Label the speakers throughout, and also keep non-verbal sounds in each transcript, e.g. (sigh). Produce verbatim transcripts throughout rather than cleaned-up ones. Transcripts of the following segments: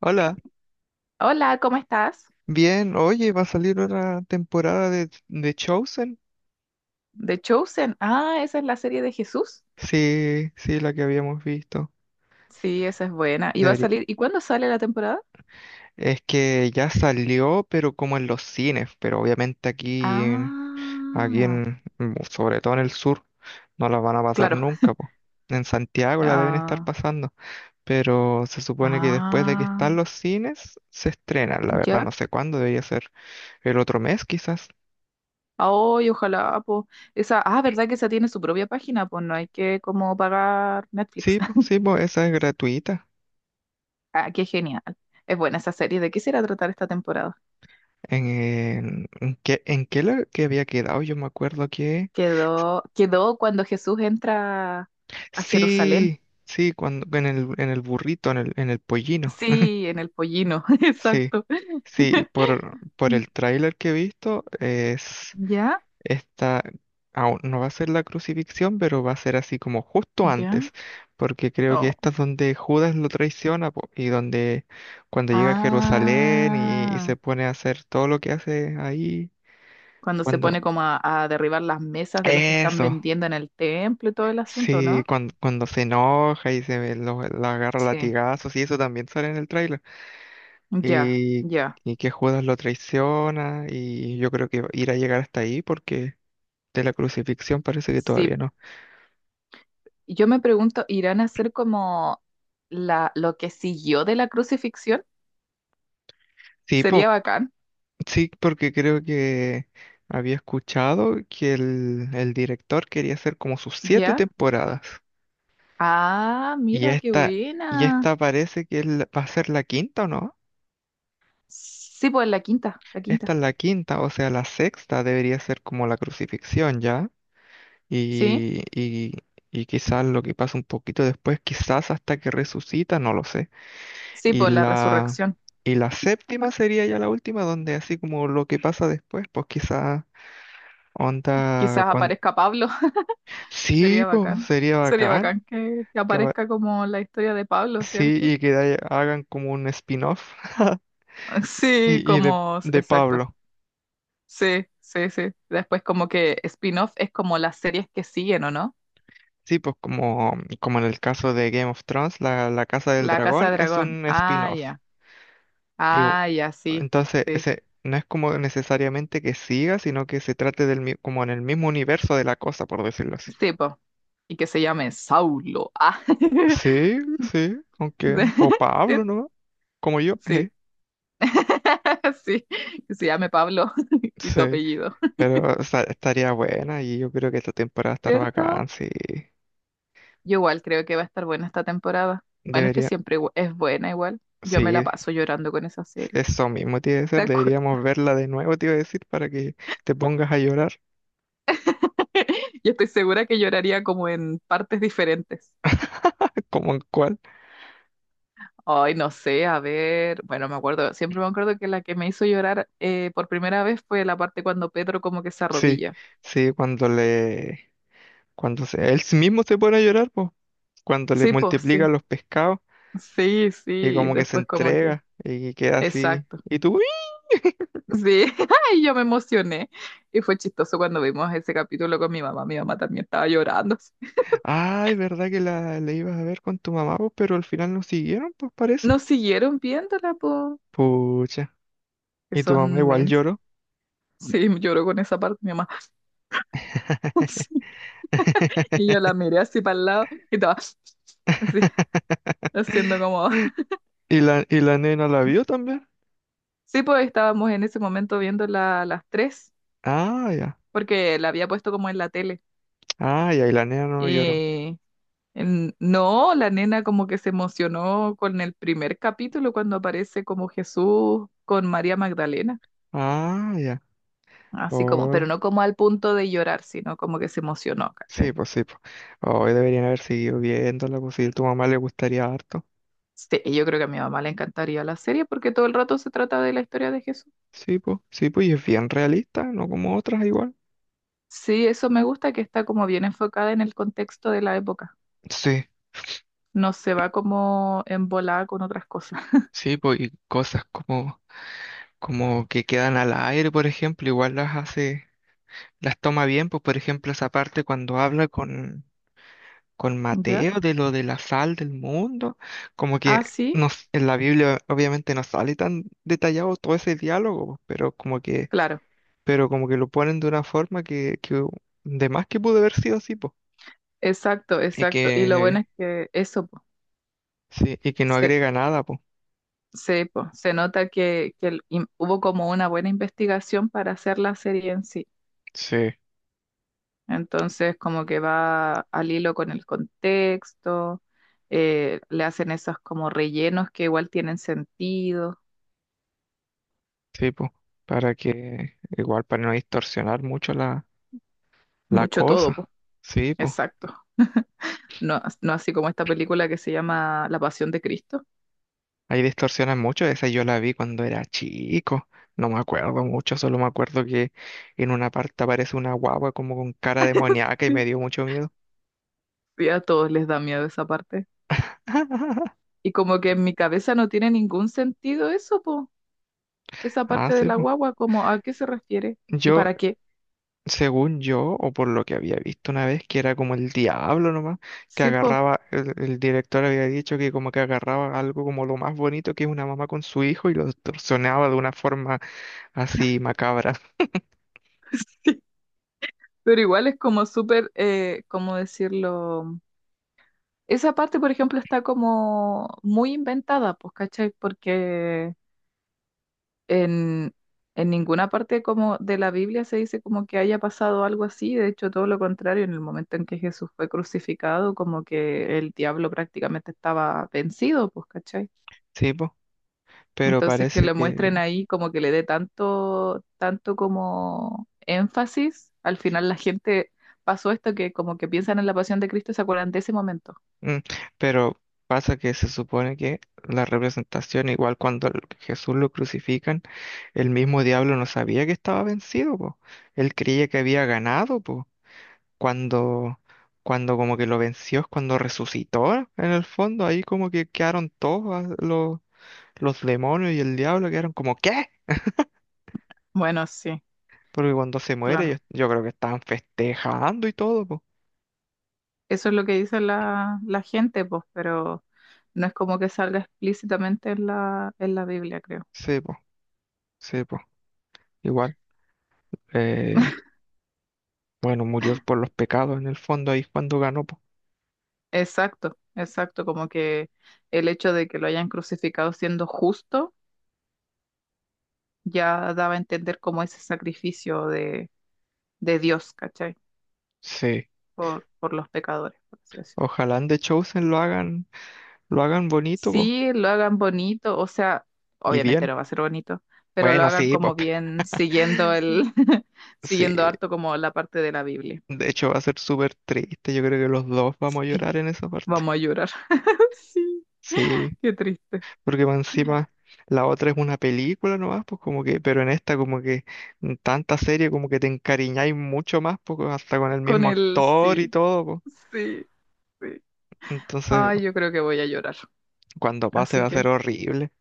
Speaker 1: Hola,
Speaker 2: Hola, ¿cómo estás?
Speaker 1: bien, oye, va a salir otra temporada de, de Chosen.
Speaker 2: The Chosen. Ah, esa es la serie de Jesús.
Speaker 1: Sí, sí, la que habíamos visto.
Speaker 2: Sí, esa es buena. ¿Y va a
Speaker 1: Debería.
Speaker 2: salir? ¿Y cuándo sale la temporada?
Speaker 1: Es que ya salió, pero como en los cines, pero obviamente aquí, en- aquí
Speaker 2: Ah,
Speaker 1: en, mm, sobre todo en el sur, no la van a pasar
Speaker 2: claro.
Speaker 1: nunca, po. En Santiago la deben estar
Speaker 2: Ah,
Speaker 1: pasando, pero se supone que después de que están
Speaker 2: ah,
Speaker 1: los cines, se estrena. La verdad,
Speaker 2: ya.
Speaker 1: no sé cuándo, debería ser el otro mes quizás.
Speaker 2: Ay, ojalá, pues. Esa, ah, ¿verdad que esa tiene su propia página? Pues no hay que como pagar Netflix.
Speaker 1: Sí, pues,
Speaker 2: (laughs)
Speaker 1: sí, pues, esa es gratuita.
Speaker 2: Ah, qué genial. Es buena esa serie. ¿De qué será tratar esta temporada?
Speaker 1: En, en, qué, en qué lo que había quedado, yo me acuerdo que...
Speaker 2: Quedó, quedó cuando Jesús entra a Jerusalén.
Speaker 1: Sí, sí, cuando, en el, en el burrito, en el, en el pollino. (laughs)
Speaker 2: Sí, en el pollino, (laughs)
Speaker 1: Sí,
Speaker 2: exacto.
Speaker 1: sí, por,
Speaker 2: (laughs)
Speaker 1: por el tráiler que he visto, es
Speaker 2: ¿Ya?
Speaker 1: esta, aún no va a ser la crucifixión, pero va a ser así como justo
Speaker 2: ¿Ya?
Speaker 1: antes, porque creo que
Speaker 2: Oh.
Speaker 1: esta es donde Judas lo traiciona po, y donde cuando llega a Jerusalén y, y
Speaker 2: Ah,
Speaker 1: se pone a hacer todo lo que hace ahí,
Speaker 2: cuando se
Speaker 1: cuando...
Speaker 2: pone como a, a derribar las mesas de los que están
Speaker 1: eso.
Speaker 2: vendiendo en el templo y todo el asunto,
Speaker 1: Sí,
Speaker 2: ¿no?
Speaker 1: cuando, cuando se enoja y se lo, lo agarra a
Speaker 2: Sí,
Speaker 1: latigazos y eso también sale en el tráiler.
Speaker 2: ya,
Speaker 1: Y,
Speaker 2: ya.
Speaker 1: y que Judas lo traiciona y yo creo que irá a llegar hasta ahí porque de la crucifixión parece que todavía
Speaker 2: Sí,
Speaker 1: no.
Speaker 2: yo me pregunto, ¿irán a hacer como la, lo que siguió de la crucifixión?
Speaker 1: Sí,
Speaker 2: Sería
Speaker 1: po-
Speaker 2: bacán,
Speaker 1: sí, porque creo que había escuchado que el, el director quería hacer como sus siete
Speaker 2: ¿ya?
Speaker 1: temporadas.
Speaker 2: Ah,
Speaker 1: Y
Speaker 2: mira, qué
Speaker 1: esta, y
Speaker 2: buena.
Speaker 1: esta parece que es la- va a ser la quinta, ¿o no?
Speaker 2: Sí, pues la quinta, la
Speaker 1: Esta
Speaker 2: quinta,
Speaker 1: es la quinta, o sea, la sexta debería ser como la crucifixión, ¿ya?
Speaker 2: ¿sí?
Speaker 1: Y, y, y quizás lo que pasa un poquito después, quizás hasta que resucita, no lo sé.
Speaker 2: Sí,
Speaker 1: Y
Speaker 2: pues la
Speaker 1: la,
Speaker 2: resurrección.
Speaker 1: y la séptima sería ya la última, donde así como lo que pasa después, pues quizás onda
Speaker 2: Quizás
Speaker 1: cuando...
Speaker 2: aparezca Pablo. (laughs)
Speaker 1: Sí,
Speaker 2: Sería
Speaker 1: pues
Speaker 2: bacán.
Speaker 1: sería
Speaker 2: Sería
Speaker 1: bacán.
Speaker 2: bacán que, que
Speaker 1: que apa-
Speaker 2: aparezca como la historia de Pablo,
Speaker 1: Sí,
Speaker 2: ¿cierto?
Speaker 1: y que de- hagan como un spin-off. (laughs)
Speaker 2: (laughs) Sí,
Speaker 1: y, y de,
Speaker 2: como,
Speaker 1: de
Speaker 2: exacto.
Speaker 1: Pablo.
Speaker 2: Sí, sí, sí. Después como que spin-off es como las series que siguen, ¿o no?
Speaker 1: Sí, pues como, como en el caso de Game of Thrones, la, la Casa del
Speaker 2: La Casa
Speaker 1: Dragón
Speaker 2: de
Speaker 1: es
Speaker 2: Dragón.
Speaker 1: un
Speaker 2: Ah,
Speaker 1: spin-off.
Speaker 2: ya.
Speaker 1: Y bu-
Speaker 2: Ah, ya, sí.
Speaker 1: entonces,
Speaker 2: Sí.
Speaker 1: ese no es como necesariamente que siga, sino que se trate del, mi- como en el mismo universo de la cosa, por decirlo así.
Speaker 2: Sí, po. Y que se llame Saulo. Ah. (laughs)
Speaker 1: Sí, sí, aunque, o
Speaker 2: Sí.
Speaker 1: Pablo, ¿no? Como yo, eh,
Speaker 2: Sí. (laughs) Sí. Que se llame Pablo (laughs) y tu
Speaker 1: sí,
Speaker 2: apellido.
Speaker 1: pero o sea, estaría buena y yo creo que esta temporada va a estar
Speaker 2: ¿Cierto?
Speaker 1: bacán, sí,
Speaker 2: Yo igual creo que va a estar buena esta temporada. Bueno, es que
Speaker 1: debería,
Speaker 2: siempre igu- es buena igual. Yo me la
Speaker 1: sí,
Speaker 2: paso llorando con esa serie.
Speaker 1: eso mismo tiene que
Speaker 2: De
Speaker 1: ser,
Speaker 2: acuerdo.
Speaker 1: deberíamos verla de nuevo, te iba a decir, para que te pongas a llorar.
Speaker 2: (laughs) Yo estoy segura que lloraría como en partes diferentes.
Speaker 1: (laughs) Como en cuál,
Speaker 2: Ay, no sé, a ver. Bueno, me acuerdo, siempre me acuerdo que la que me hizo llorar eh, por primera vez fue la parte cuando Pedro como que se
Speaker 1: sí,
Speaker 2: arrodilla.
Speaker 1: sí, cuando le, Cuando se- él mismo se pone a llorar, pues, cuando le
Speaker 2: Sí, pues
Speaker 1: multiplica
Speaker 2: sí.
Speaker 1: los pescados
Speaker 2: Sí, sí.
Speaker 1: y
Speaker 2: Y
Speaker 1: como que se
Speaker 2: después como que.
Speaker 1: entrega y queda así.
Speaker 2: Exacto.
Speaker 1: ¿Y tú? ¡Uy!
Speaker 2: Sí, (laughs) y yo me emocioné. Y fue chistoso cuando vimos ese capítulo con mi mamá. Mi mamá también estaba llorando.
Speaker 1: Ah, es verdad que la, la ibas a ver con tu mamá, pues, pero al final no siguieron, pues parece.
Speaker 2: Nos siguieron viéndola, po,
Speaker 1: Pucha.
Speaker 2: que
Speaker 1: ¿Y tu mamá
Speaker 2: son
Speaker 1: igual
Speaker 2: mens.
Speaker 1: lloró?
Speaker 2: Sí, lloró con esa parte mi mamá. (laughs) Sí. Y yo la
Speaker 1: (laughs)
Speaker 2: miré así para el lado y estaba así, haciendo como...
Speaker 1: ¿Y la, y la nena la vio también?
Speaker 2: Sí, pues estábamos en ese momento viendo la, las tres,
Speaker 1: Ah, ya.
Speaker 2: porque la había puesto como en la tele.
Speaker 1: Ah, ya, y la nena no lloró.
Speaker 2: Y en- no, la nena como que se emocionó con el primer capítulo cuando aparece como Jesús con María Magdalena.
Speaker 1: Ah, ya.
Speaker 2: Así como, pero
Speaker 1: Hola.
Speaker 2: no como al punto de llorar, sino como que se emocionó,
Speaker 1: Sí,
Speaker 2: ¿cachai?
Speaker 1: pues sí, pues. Hoy deberían haber seguido viéndola, pues si tu mamá le gustaría harto.
Speaker 2: Sí, y yo creo que a mi mamá le encantaría la serie porque todo el rato se trata de la historia de Jesús.
Speaker 1: Sí, pues, sí, pues, y es bien realista, no como otras igual.
Speaker 2: Sí, eso me gusta que está como bien enfocada en el contexto de la época.
Speaker 1: Sí,
Speaker 2: No se va como embolada con otras cosas,
Speaker 1: sí, pues, y cosas como, como, que quedan al aire, por ejemplo, igual las hace, las toma bien, pues, por ejemplo, esa parte cuando habla con, con
Speaker 2: (laughs) ¿ya?
Speaker 1: Mateo de lo de la sal del mundo, como que
Speaker 2: Ah, sí,
Speaker 1: nos, en la Biblia obviamente no sale tan detallado todo ese diálogo, pues, pero como que
Speaker 2: claro,
Speaker 1: pero como que lo ponen de una forma que, que de más que pudo haber sido así, po.
Speaker 2: exacto,
Speaker 1: Y
Speaker 2: exacto. Y lo bueno
Speaker 1: que,
Speaker 2: es que eso, po,
Speaker 1: sí, y que no
Speaker 2: se,
Speaker 1: agrega nada, po.
Speaker 2: se, po, se nota que, que el- im- hubo como una buena investigación para hacer la serie en sí.
Speaker 1: Sí,
Speaker 2: Entonces, como que va al hilo con el contexto, eh, le hacen esos como rellenos que igual tienen sentido,
Speaker 1: sí, po. Para que, igual, para no distorsionar mucho la, la
Speaker 2: mucho todo,
Speaker 1: cosa.
Speaker 2: po.
Speaker 1: Sí, po.
Speaker 2: Exacto. No, no así como esta película que se llama La Pasión de Cristo.
Speaker 1: Ahí distorsionan mucho. Esa yo la vi cuando era chico. No me acuerdo mucho, solo me acuerdo que en una parte aparece una guagua como con cara demoníaca y me
Speaker 2: Sí.
Speaker 1: dio mucho miedo.
Speaker 2: Y a todos les da miedo esa parte.
Speaker 1: (laughs)
Speaker 2: Y como que en mi cabeza no tiene ningún sentido eso, po. Esa
Speaker 1: Ah,
Speaker 2: parte de
Speaker 1: sí,
Speaker 2: la
Speaker 1: po.
Speaker 2: guagua, como a qué se refiere y
Speaker 1: Yo,
Speaker 2: para qué.
Speaker 1: según yo, o por lo que había visto una vez, que era como el diablo nomás, que
Speaker 2: Sí, po.
Speaker 1: agarraba, el, el director había dicho que como que agarraba algo como lo más bonito que es una mamá con su hijo y lo distorsionaba de una forma así macabra.
Speaker 2: (laughs) Pero igual es como súper, eh, ¿cómo decirlo? Esa parte, por ejemplo, está como muy inventada, pues, ¿cachai? Porque en, en ninguna parte como de la Biblia se dice como que haya pasado algo así, de hecho, todo lo contrario, en el momento en que Jesús fue crucificado, como que el diablo prácticamente estaba vencido, pues, ¿cachai?
Speaker 1: (laughs) ¿Sí, po? Pero
Speaker 2: Entonces que
Speaker 1: parece
Speaker 2: le
Speaker 1: que...
Speaker 2: muestren ahí como que le dé tanto, tanto como énfasis, al final la gente pasó esto que como que piensan en la pasión de Cristo y se acuerdan de ese momento.
Speaker 1: mm, pero pasa que se supone que la representación, igual cuando el- Jesús lo crucifican, el mismo diablo no sabía que estaba vencido, po. Él creía que había ganado, po. Cuando, cuando como que lo venció, es cuando resucitó en el fondo, ahí como que quedaron todos ah, los, los demonios y el diablo, quedaron como ¿qué?
Speaker 2: Bueno, sí,
Speaker 1: Porque cuando se muere yo,
Speaker 2: claro.
Speaker 1: yo creo que estaban festejando y todo, po.
Speaker 2: Eso es lo que dice la, la gente, pues, pero no es como que salga explícitamente en la, en la Biblia, creo.
Speaker 1: Sí, po, sí, po. Igual, eh,
Speaker 2: (laughs)
Speaker 1: bueno, murió por los pecados en el fondo, ahí es cuando ganó, po.
Speaker 2: Exacto, exacto, como que el hecho de que lo hayan crucificado siendo justo ya daba a entender como ese sacrificio de, de Dios, ¿cachai?
Speaker 1: Sí,
Speaker 2: Por, por los pecadores, por así decirlo.
Speaker 1: ojalá en The Chosen lo hagan, lo hagan, bonito, po,
Speaker 2: Sí, lo hagan bonito, o sea,
Speaker 1: y
Speaker 2: obviamente
Speaker 1: bien.
Speaker 2: no va a ser bonito, pero lo
Speaker 1: Bueno,
Speaker 2: hagan
Speaker 1: sí, po.
Speaker 2: como bien siguiendo el,
Speaker 1: (laughs)
Speaker 2: (laughs)
Speaker 1: Sí,
Speaker 2: siguiendo harto como la parte de la Biblia.
Speaker 1: de hecho, va a ser súper triste. Yo creo que los dos vamos a
Speaker 2: Sí.
Speaker 1: llorar en esa parte.
Speaker 2: Vamos a llorar. (laughs) Sí,
Speaker 1: Sí,
Speaker 2: qué triste.
Speaker 1: porque más encima la otra es una película nomás, pues como que, pero en esta como que en tanta serie como que te encariñáis mucho más, pues hasta con el
Speaker 2: Con
Speaker 1: mismo
Speaker 2: el
Speaker 1: actor y
Speaker 2: sí,
Speaker 1: todo, pues.
Speaker 2: sí, sí.
Speaker 1: Entonces,
Speaker 2: Ay, yo creo que voy a llorar.
Speaker 1: cuando pase
Speaker 2: Así
Speaker 1: va a ser
Speaker 2: que
Speaker 1: horrible.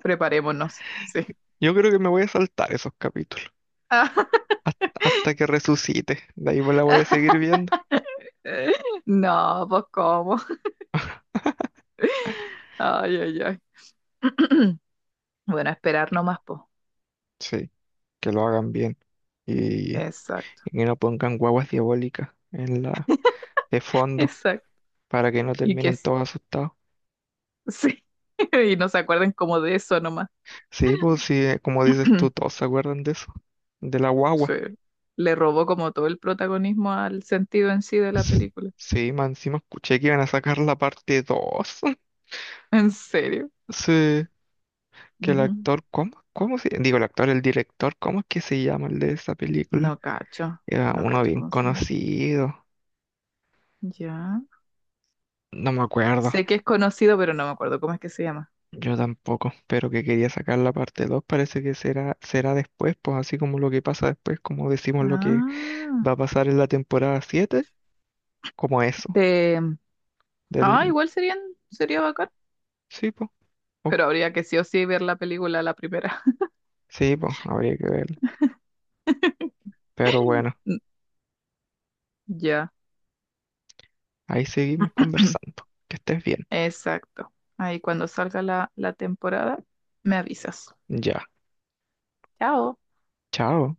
Speaker 2: preparémonos. Sí.
Speaker 1: Yo creo que me voy a saltar esos capítulos
Speaker 2: (laughs)
Speaker 1: has- hasta que resucite. De ahí pues la voy a seguir viendo.
Speaker 2: No, pues cómo. Ay, ay, ay. (clears throat) Bueno, esperar nomás, pues.
Speaker 1: Sí, que lo hagan bien y,
Speaker 2: Exacto,
Speaker 1: y que no pongan guaguas diabólicas en la de fondo.
Speaker 2: exacto.
Speaker 1: Para que no
Speaker 2: Y que
Speaker 1: terminen
Speaker 2: s-
Speaker 1: todos asustados.
Speaker 2: sí. (laughs) Y no se acuerden como de eso nomás.
Speaker 1: Sí, pues sí, eh, como dices tú,
Speaker 2: (clears throat)
Speaker 1: todos se acuerdan de eso, de la
Speaker 2: Sí.
Speaker 1: guagua.
Speaker 2: Le robó como todo el protagonismo al sentido en sí de la
Speaker 1: S-
Speaker 2: película.
Speaker 1: Sí, más encima escuché que iban a sacar la parte dos. (laughs)
Speaker 2: ¿En serio?
Speaker 1: Sí, que el
Speaker 2: Mm.
Speaker 1: actor, ¿cómo? ¿Cómo se...? Digo, el actor, el director, ¿cómo es que se llama el de esa película?
Speaker 2: No cacho,
Speaker 1: Era
Speaker 2: no
Speaker 1: uno
Speaker 2: cacho
Speaker 1: bien
Speaker 2: cómo se llama.
Speaker 1: conocido.
Speaker 2: Ya.
Speaker 1: No me acuerdo,
Speaker 2: Sé que es conocido, pero no me acuerdo cómo es que se llama.
Speaker 1: yo tampoco, pero que quería sacar la parte dos parece que será, será, después, pues así como lo que pasa después, como decimos lo que
Speaker 2: Ah,
Speaker 1: va a pasar en la temporada siete como eso,
Speaker 2: de... Ah,
Speaker 1: del,
Speaker 2: igual serían, sería bacán,
Speaker 1: sí, pues. Uh,
Speaker 2: pero habría que sí o sí ver la película la primera.
Speaker 1: sí, pues, habría que ver. Pero bueno,
Speaker 2: (laughs) Mm, ya,
Speaker 1: ahí seguimos
Speaker 2: (clears throat)
Speaker 1: conversando. Que estés bien.
Speaker 2: exacto. Ahí cuando salga la, la temporada, me avisas.
Speaker 1: Ya.
Speaker 2: Chao.
Speaker 1: Chao.